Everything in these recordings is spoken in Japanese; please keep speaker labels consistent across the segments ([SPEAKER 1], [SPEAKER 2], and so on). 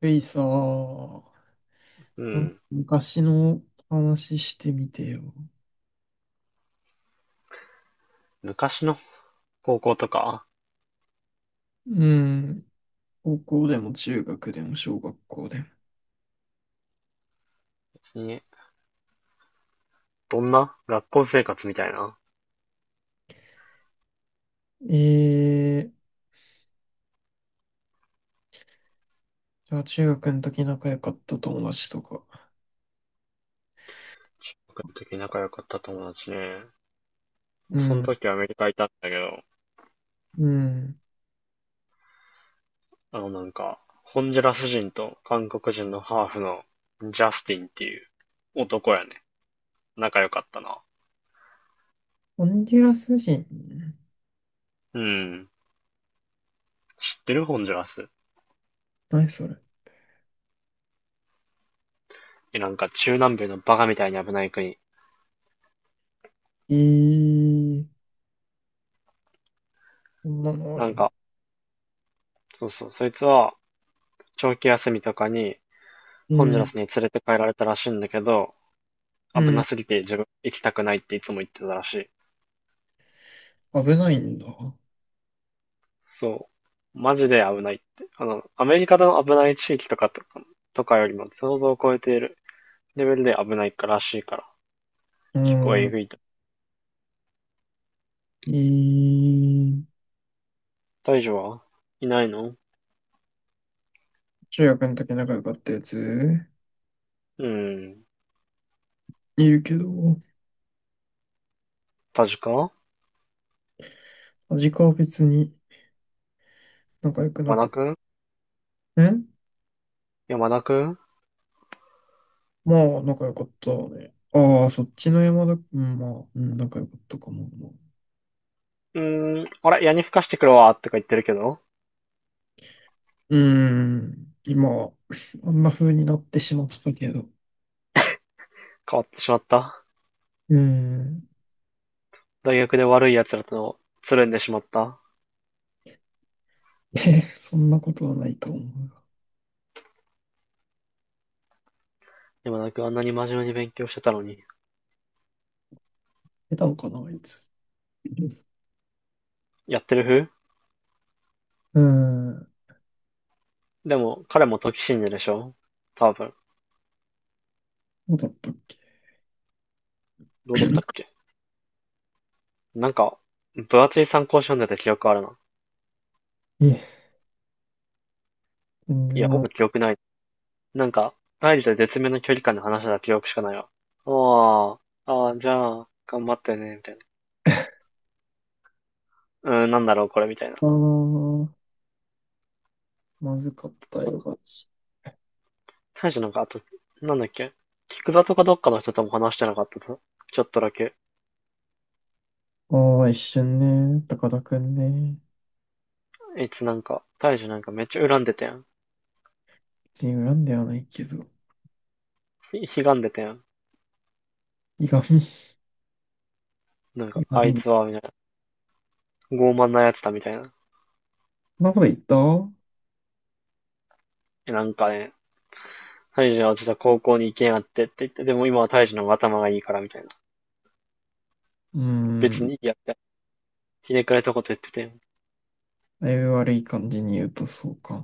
[SPEAKER 1] ゆいさん、ー
[SPEAKER 2] うん。
[SPEAKER 1] 昔の話してみてよ。
[SPEAKER 2] 昔の高校とか、
[SPEAKER 1] うん。高校でも中学でも小学校でも。
[SPEAKER 2] 別に、どんな学校生活みたいな。
[SPEAKER 1] えー、じゃあ中学の時仲良かった友達とか。
[SPEAKER 2] 僕の時仲良かった友達ね。
[SPEAKER 1] う
[SPEAKER 2] その
[SPEAKER 1] ん。
[SPEAKER 2] 時アメリカいたんだけど、
[SPEAKER 1] うん。
[SPEAKER 2] なんか、ホンジュラス人と韓国人のハーフのジャスティンっていう男やね。仲良かったな。
[SPEAKER 1] ホンジュラス人。
[SPEAKER 2] うん。知ってる？ホンジュラス。
[SPEAKER 1] 何それ。
[SPEAKER 2] え、なんか中南米のバカみたいに危ない国。
[SPEAKER 1] えー、こんなのあ
[SPEAKER 2] な
[SPEAKER 1] る
[SPEAKER 2] ん
[SPEAKER 1] の？
[SPEAKER 2] か、そうそう、そいつは長期休みとかに
[SPEAKER 1] う
[SPEAKER 2] ホンジュラ
[SPEAKER 1] ん。
[SPEAKER 2] スに連れて帰られたらしいんだけど、
[SPEAKER 1] う
[SPEAKER 2] 危な
[SPEAKER 1] ん。
[SPEAKER 2] すぎて自分行きたくないっていつも言ってたらしい。
[SPEAKER 1] 危ないんだ。
[SPEAKER 2] そう。マジで危ないって。アメリカの危ない地域とかよりも想像を超えているレベルで危ないからしいから。
[SPEAKER 1] う
[SPEAKER 2] 結構え
[SPEAKER 1] ん。
[SPEAKER 2] ぐいと。
[SPEAKER 1] えー、
[SPEAKER 2] 大丈夫はいないの？
[SPEAKER 1] 中学の時仲良かったやつ
[SPEAKER 2] うん。
[SPEAKER 1] いるけど、
[SPEAKER 2] 田か
[SPEAKER 1] 味かは別に。仲良くな
[SPEAKER 2] 山
[SPEAKER 1] か
[SPEAKER 2] 田
[SPEAKER 1] った。
[SPEAKER 2] くん
[SPEAKER 1] え
[SPEAKER 2] 山田くん、
[SPEAKER 1] まあ、仲良かったね。ああ、そっちの山田、うん、まあ、うん、仲良かったかも。
[SPEAKER 2] あれ矢に吹かしてくるわ、とか言ってるけど、
[SPEAKER 1] うーん、今、あんな風になってしまったけど。
[SPEAKER 2] 変わってしまった。
[SPEAKER 1] うーん。
[SPEAKER 2] 大学で悪い奴らとつるんでしまった。
[SPEAKER 1] え、そんなことはないと思うが。
[SPEAKER 2] 山田くんあんなに真面目に勉強してたのに。
[SPEAKER 1] 出たのかな、あいつ。
[SPEAKER 2] やってる風
[SPEAKER 1] うーん、
[SPEAKER 2] でも、彼も時信者でしょ、多分。
[SPEAKER 1] どうだったっけ。
[SPEAKER 2] どうだったっ け。なんか、分厚い参考書読んでた記憶あるな。
[SPEAKER 1] いえ、全
[SPEAKER 2] いや、
[SPEAKER 1] 然、あ
[SPEAKER 2] ほ
[SPEAKER 1] っ
[SPEAKER 2] ぼ記憶ない。なんか、大事と絶妙な距離感で話してた記憶しかないわ。ああ、ああ、じゃあ、頑張ってね、みたいな。なんだろう、これ、みたいな。
[SPEAKER 1] たな、まずかったよ、ガチ。
[SPEAKER 2] 大事なんか、あと、なんだっけ、菊座とかどっかの人とも話してなかったと。ちょっとだけ。
[SPEAKER 1] ああ、一瞬ね、高田くんね。
[SPEAKER 2] あいつなんか、大事なんかめっちゃ恨んでたやん。
[SPEAKER 1] 別に恨んではないけど。
[SPEAKER 2] 悲願でたやん。
[SPEAKER 1] いがみ、
[SPEAKER 2] なんか、
[SPEAKER 1] いが
[SPEAKER 2] あ
[SPEAKER 1] み。
[SPEAKER 2] い
[SPEAKER 1] そ
[SPEAKER 2] つは、みたいな。傲慢なやつだ、みたいな。
[SPEAKER 1] んなこと言った。
[SPEAKER 2] なんかね、タイジは実は高校に行けんやってって言って、でも今はタイジの方が頭がいいからみたいな。
[SPEAKER 1] う
[SPEAKER 2] 別
[SPEAKER 1] ん。
[SPEAKER 2] にいいやって、ひねくれたこと言ってて、
[SPEAKER 1] だいぶ悪い感じに言うとそうか。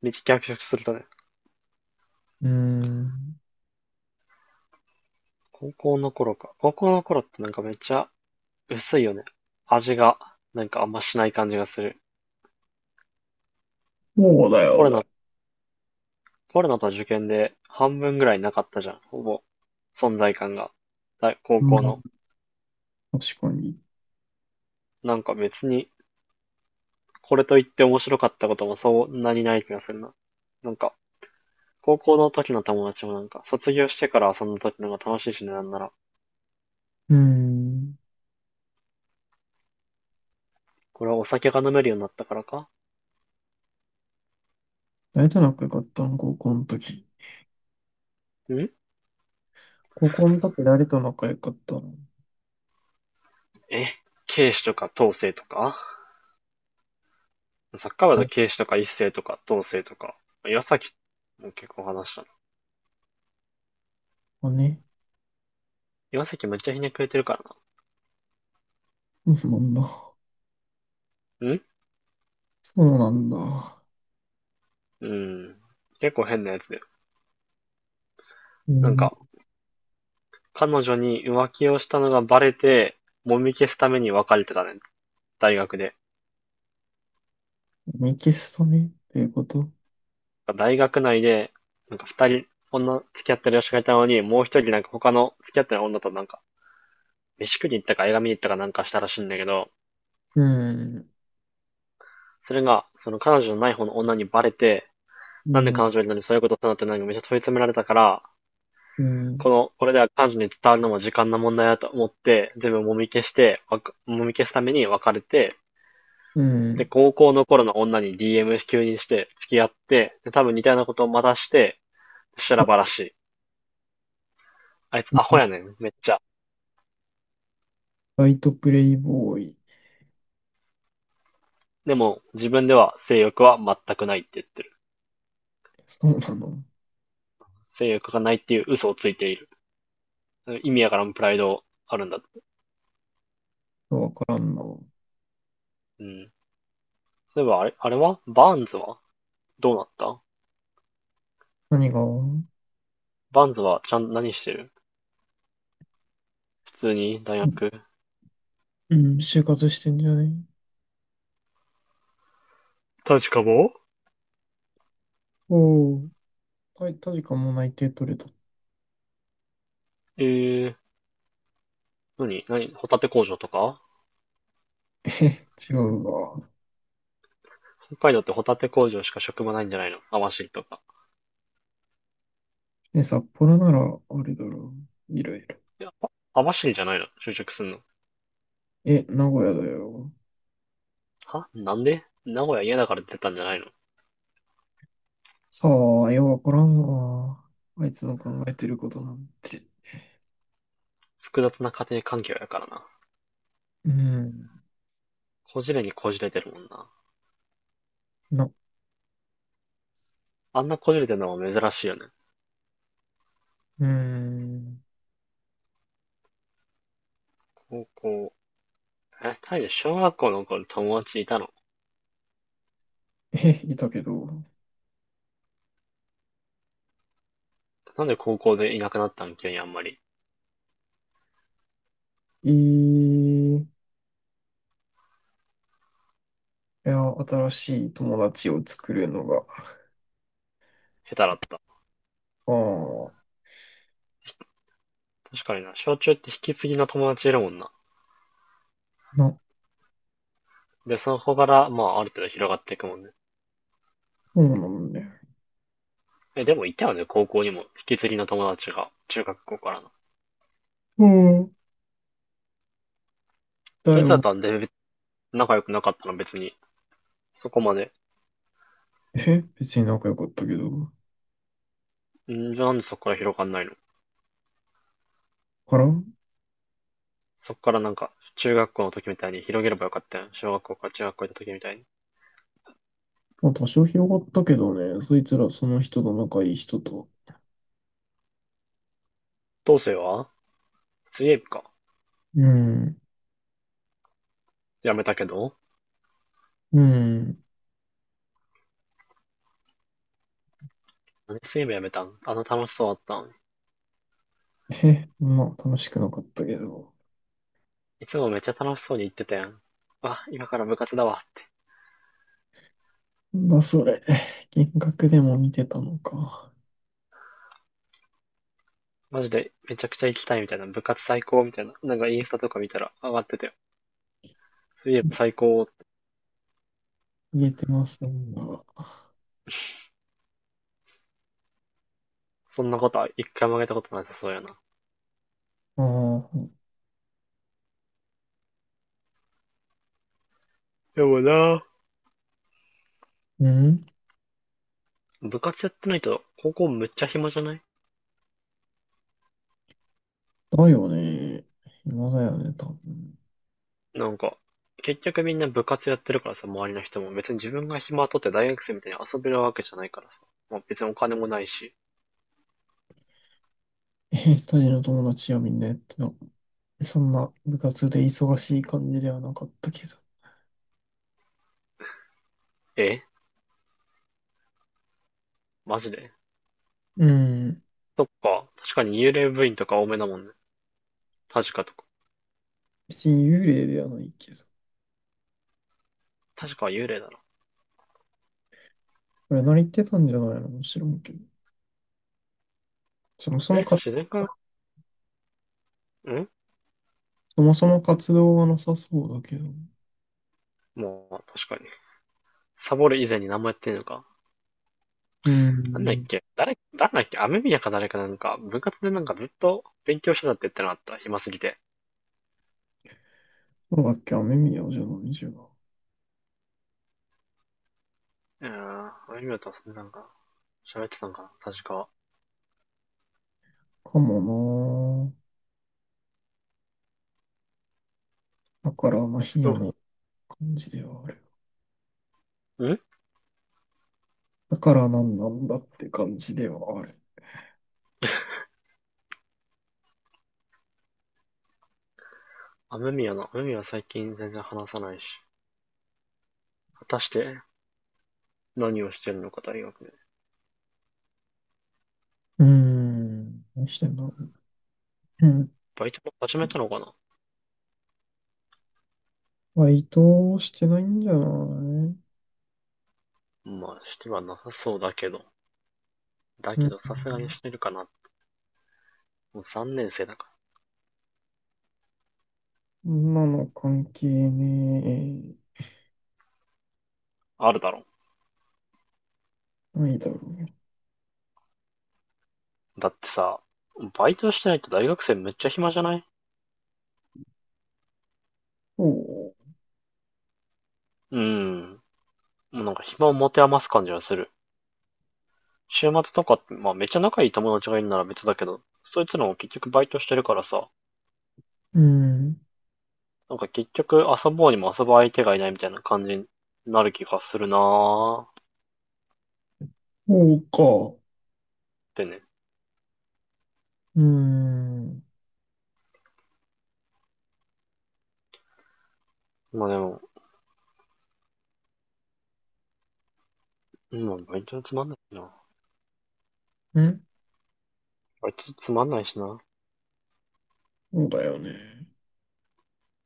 [SPEAKER 2] めっちゃ逆色するとね、
[SPEAKER 1] うん。
[SPEAKER 2] 高校の頃か。高校の頃ってなんかめっちゃ薄いよね。味が、なんかあんましない感じがする。
[SPEAKER 1] そうだ
[SPEAKER 2] コ
[SPEAKER 1] よ
[SPEAKER 2] ロ
[SPEAKER 1] ね。
[SPEAKER 2] ナ、コロナと受験で半分ぐらいなかったじゃん、ほぼ。存在感が。だ高
[SPEAKER 1] うん、
[SPEAKER 2] 校の。
[SPEAKER 1] 確かに。
[SPEAKER 2] なんか別に、これといって面白かったこともそんなにない気がするな。なんか、高校の時の友達もなんか、卒業してから遊んだ時の方が楽しいしね、なんなら。
[SPEAKER 1] うん。
[SPEAKER 2] これはお酒が飲めるようになったからか。
[SPEAKER 1] 誰と仲良かったの、高校の時。
[SPEAKER 2] ん。
[SPEAKER 1] 高校の時誰と仲良かったの。
[SPEAKER 2] え警視とか統制とか、サッカー部だと警視とか一斉とか統制とか。岩崎も結構話したな。
[SPEAKER 1] あ、ね。
[SPEAKER 2] 岩崎めっちゃひねくれてるか
[SPEAKER 1] そうなんだ。
[SPEAKER 2] らな。
[SPEAKER 1] そうなんだ。
[SPEAKER 2] うん。結構変なやつだよ。
[SPEAKER 1] う
[SPEAKER 2] なん
[SPEAKER 1] ん。
[SPEAKER 2] か、彼女に浮気をしたのがバレて、揉み消すために別れてたね。大学で。
[SPEAKER 1] ミキストね。っていうこと。
[SPEAKER 2] 大学内で、なんか二人、女付き合ってる女子がいたのに、もう一人なんか他の付き合ってる女となんか、飯食いに行ったか映画見に行ったかなんかしたらしいんだけど、
[SPEAKER 1] うん。
[SPEAKER 2] それが、その彼女のない方の女にバレて、
[SPEAKER 1] う
[SPEAKER 2] なんで
[SPEAKER 1] ん。
[SPEAKER 2] 彼女になにそういうことしたのってなんかめっちゃ問い詰められたから、
[SPEAKER 1] うん。
[SPEAKER 2] これでは彼女に伝わるのも時間の問題だと思って、全部もみ消して、もみ消すために別れて、
[SPEAKER 1] う
[SPEAKER 2] で、
[SPEAKER 1] ん。
[SPEAKER 2] 高校の頃の女に DM 急にして付き合って、で、多分似たようなことをまたして、そしたらしい。あいつアホやねん、めっちゃ。
[SPEAKER 1] バイトプレイボーイ。
[SPEAKER 2] でも、自分では性欲は全くないって言ってる。
[SPEAKER 1] そうなの。
[SPEAKER 2] 性欲がないっていう嘘をついている。意味やからもプライドあるんだ。
[SPEAKER 1] わからんな。
[SPEAKER 2] うん。そういえば、あれはバーンズはどうなった？
[SPEAKER 1] 何が？
[SPEAKER 2] バンズはちゃん、何してる？普通に大学？
[SPEAKER 1] うん、就活してんじゃない？
[SPEAKER 2] 確かも、
[SPEAKER 1] おー、タジかも内定取れた。
[SPEAKER 2] ええ、何何ホタテ工場とか？
[SPEAKER 1] え、違うわ。
[SPEAKER 2] 北海道ってホタテ工場しか職場ないんじゃないの？網走とか。
[SPEAKER 1] え、札幌なら、あれだろう。いろいろ。
[SPEAKER 2] 網走じゃないの就職すんの？
[SPEAKER 1] え、名古屋だよ。
[SPEAKER 2] なんで名古屋嫌だから出たんじゃないの？
[SPEAKER 1] さあ、ようわからんわ。あいつの考えてることなんて。
[SPEAKER 2] 複雑な家庭環境やからな。
[SPEAKER 1] うん。
[SPEAKER 2] こじれにこじれてるもんな。
[SPEAKER 1] な、
[SPEAKER 2] あんなこじれてるのは珍しいよね。
[SPEAKER 1] うん。
[SPEAKER 2] 高校。え、タイで小学校の頃友達いたの？
[SPEAKER 1] え、いたけど。
[SPEAKER 2] なんで高校でいなくなったん、急にあんまり。
[SPEAKER 1] いや、新しい友達を作るのが。
[SPEAKER 2] 下手だった。
[SPEAKER 1] ああ、
[SPEAKER 2] 確かにな、小中って引き継ぎの友達いるもんな。
[SPEAKER 1] な、
[SPEAKER 2] で、そこから、まあ、ある程度広がっていくもんね。
[SPEAKER 1] そうなんだよ。
[SPEAKER 2] え、でもいたよね、高校にも。引き継ぎの友達が、中学校からの。
[SPEAKER 1] うん。だ
[SPEAKER 2] そいつだっ
[SPEAKER 1] よ。
[SPEAKER 2] たら、で、仲良くなかったの別に。そこまで。
[SPEAKER 1] え、別に仲良かったけど。
[SPEAKER 2] んじゃあなんでそこから広がんないの？
[SPEAKER 1] から
[SPEAKER 2] そこからなんか、中学校の時みたいに広げればよかったやん。小学校から中学校行った時みたいに。
[SPEAKER 1] まあ、多少広がったけどね、そいつらその人と仲いい人と。
[SPEAKER 2] どうせは水泳部か。
[SPEAKER 1] うん、
[SPEAKER 2] やめたけど、
[SPEAKER 1] うん。
[SPEAKER 2] 何水泳部やめたん？あの楽しそうだったのに。
[SPEAKER 1] へ、まあ、楽しくなかったけど。
[SPEAKER 2] いつもめっちゃ楽しそうに行ってたやん。あ、今から部活だわって。
[SPEAKER 1] なんだそれ。幻覚でも見てたのか？
[SPEAKER 2] マジでめちゃくちゃ行きたいみたいな。部活最高みたいな。なんかインスタとか見たら上がってて。そういえば最高。
[SPEAKER 1] 言えてませんが。
[SPEAKER 2] そんなことは一回もあげたことなさそうやな。
[SPEAKER 1] ああ、
[SPEAKER 2] でもな。
[SPEAKER 1] うん。
[SPEAKER 2] 部活やってないと、高校むっちゃ暇じゃない？
[SPEAKER 1] だよね。今だよね、多分。
[SPEAKER 2] なんか、結局みんな部活やってるからさ、周りの人も。別に自分が暇取って大学生みたいに遊べるわけじゃないからさ。まあ、別にお金もないし。
[SPEAKER 1] え、当時の友達はみんなやってた。そんな部活で忙しい感じではなかったけど。
[SPEAKER 2] え、マジで？
[SPEAKER 1] うん。
[SPEAKER 2] そっか。確かに幽霊部員とか多めだもんね。確かとか。
[SPEAKER 1] 別に幽霊ではないけど。
[SPEAKER 2] 確かは幽霊だろ。
[SPEAKER 1] これ何言ってたんじゃないの？もちろんけど。そもそも
[SPEAKER 2] え、
[SPEAKER 1] か、
[SPEAKER 2] 自然科。ん、
[SPEAKER 1] そもそも活動がなさそうだけど。
[SPEAKER 2] もう、確かに。サボる以前に何もやってんのか。
[SPEAKER 1] う
[SPEAKER 2] なんだっ
[SPEAKER 1] ん。
[SPEAKER 2] け、誰だっけ、雨宮か誰か、なんか、部活でなんかずっと勉強してたって言ってなかった？暇すぎて。
[SPEAKER 1] そうだっけ、雨宮じゃないじゃん。
[SPEAKER 2] うん。雨宮とはそんなんか、喋ってたんかな確か。
[SPEAKER 1] かもなぁ。だから、まあ、ヒヤ
[SPEAKER 2] う
[SPEAKER 1] の感じではある。
[SPEAKER 2] ん。
[SPEAKER 1] だからなんなんだって感じではある。
[SPEAKER 2] 雨宮は最近全然話さないし。果たして何をしてるのか大学で。
[SPEAKER 1] うーん。何してんだろう。うん。
[SPEAKER 2] バイトも始めたのかな？
[SPEAKER 1] バイトしてないんじゃない？
[SPEAKER 2] まあ、してはなさそうだけど。だ
[SPEAKER 1] う
[SPEAKER 2] けどさすがに
[SPEAKER 1] ん。
[SPEAKER 2] してるかな。もう3年生だか
[SPEAKER 1] 今の関係ね
[SPEAKER 2] ら。あるだろ。
[SPEAKER 1] え。ないだろう。
[SPEAKER 2] だってさ、バイトしてないと大学生めっちゃ暇じゃない？
[SPEAKER 1] そ
[SPEAKER 2] うん。もうなんか暇を持て余す感じがする。週末とかって、まあめっちゃ仲いい友達がいるなら別だけど、そいつらも結局バイトしてるからさ、
[SPEAKER 1] う。うん。
[SPEAKER 2] なんか結局遊ぼうにも遊ぶ相手がいないみたいな感じになる気がするなーっ
[SPEAKER 1] そうか。
[SPEAKER 2] てね。
[SPEAKER 1] うーん。
[SPEAKER 2] まあでも、うん、バイトつまんないしな。
[SPEAKER 1] ん、
[SPEAKER 2] バイトつまんないしな。
[SPEAKER 1] そうだよね。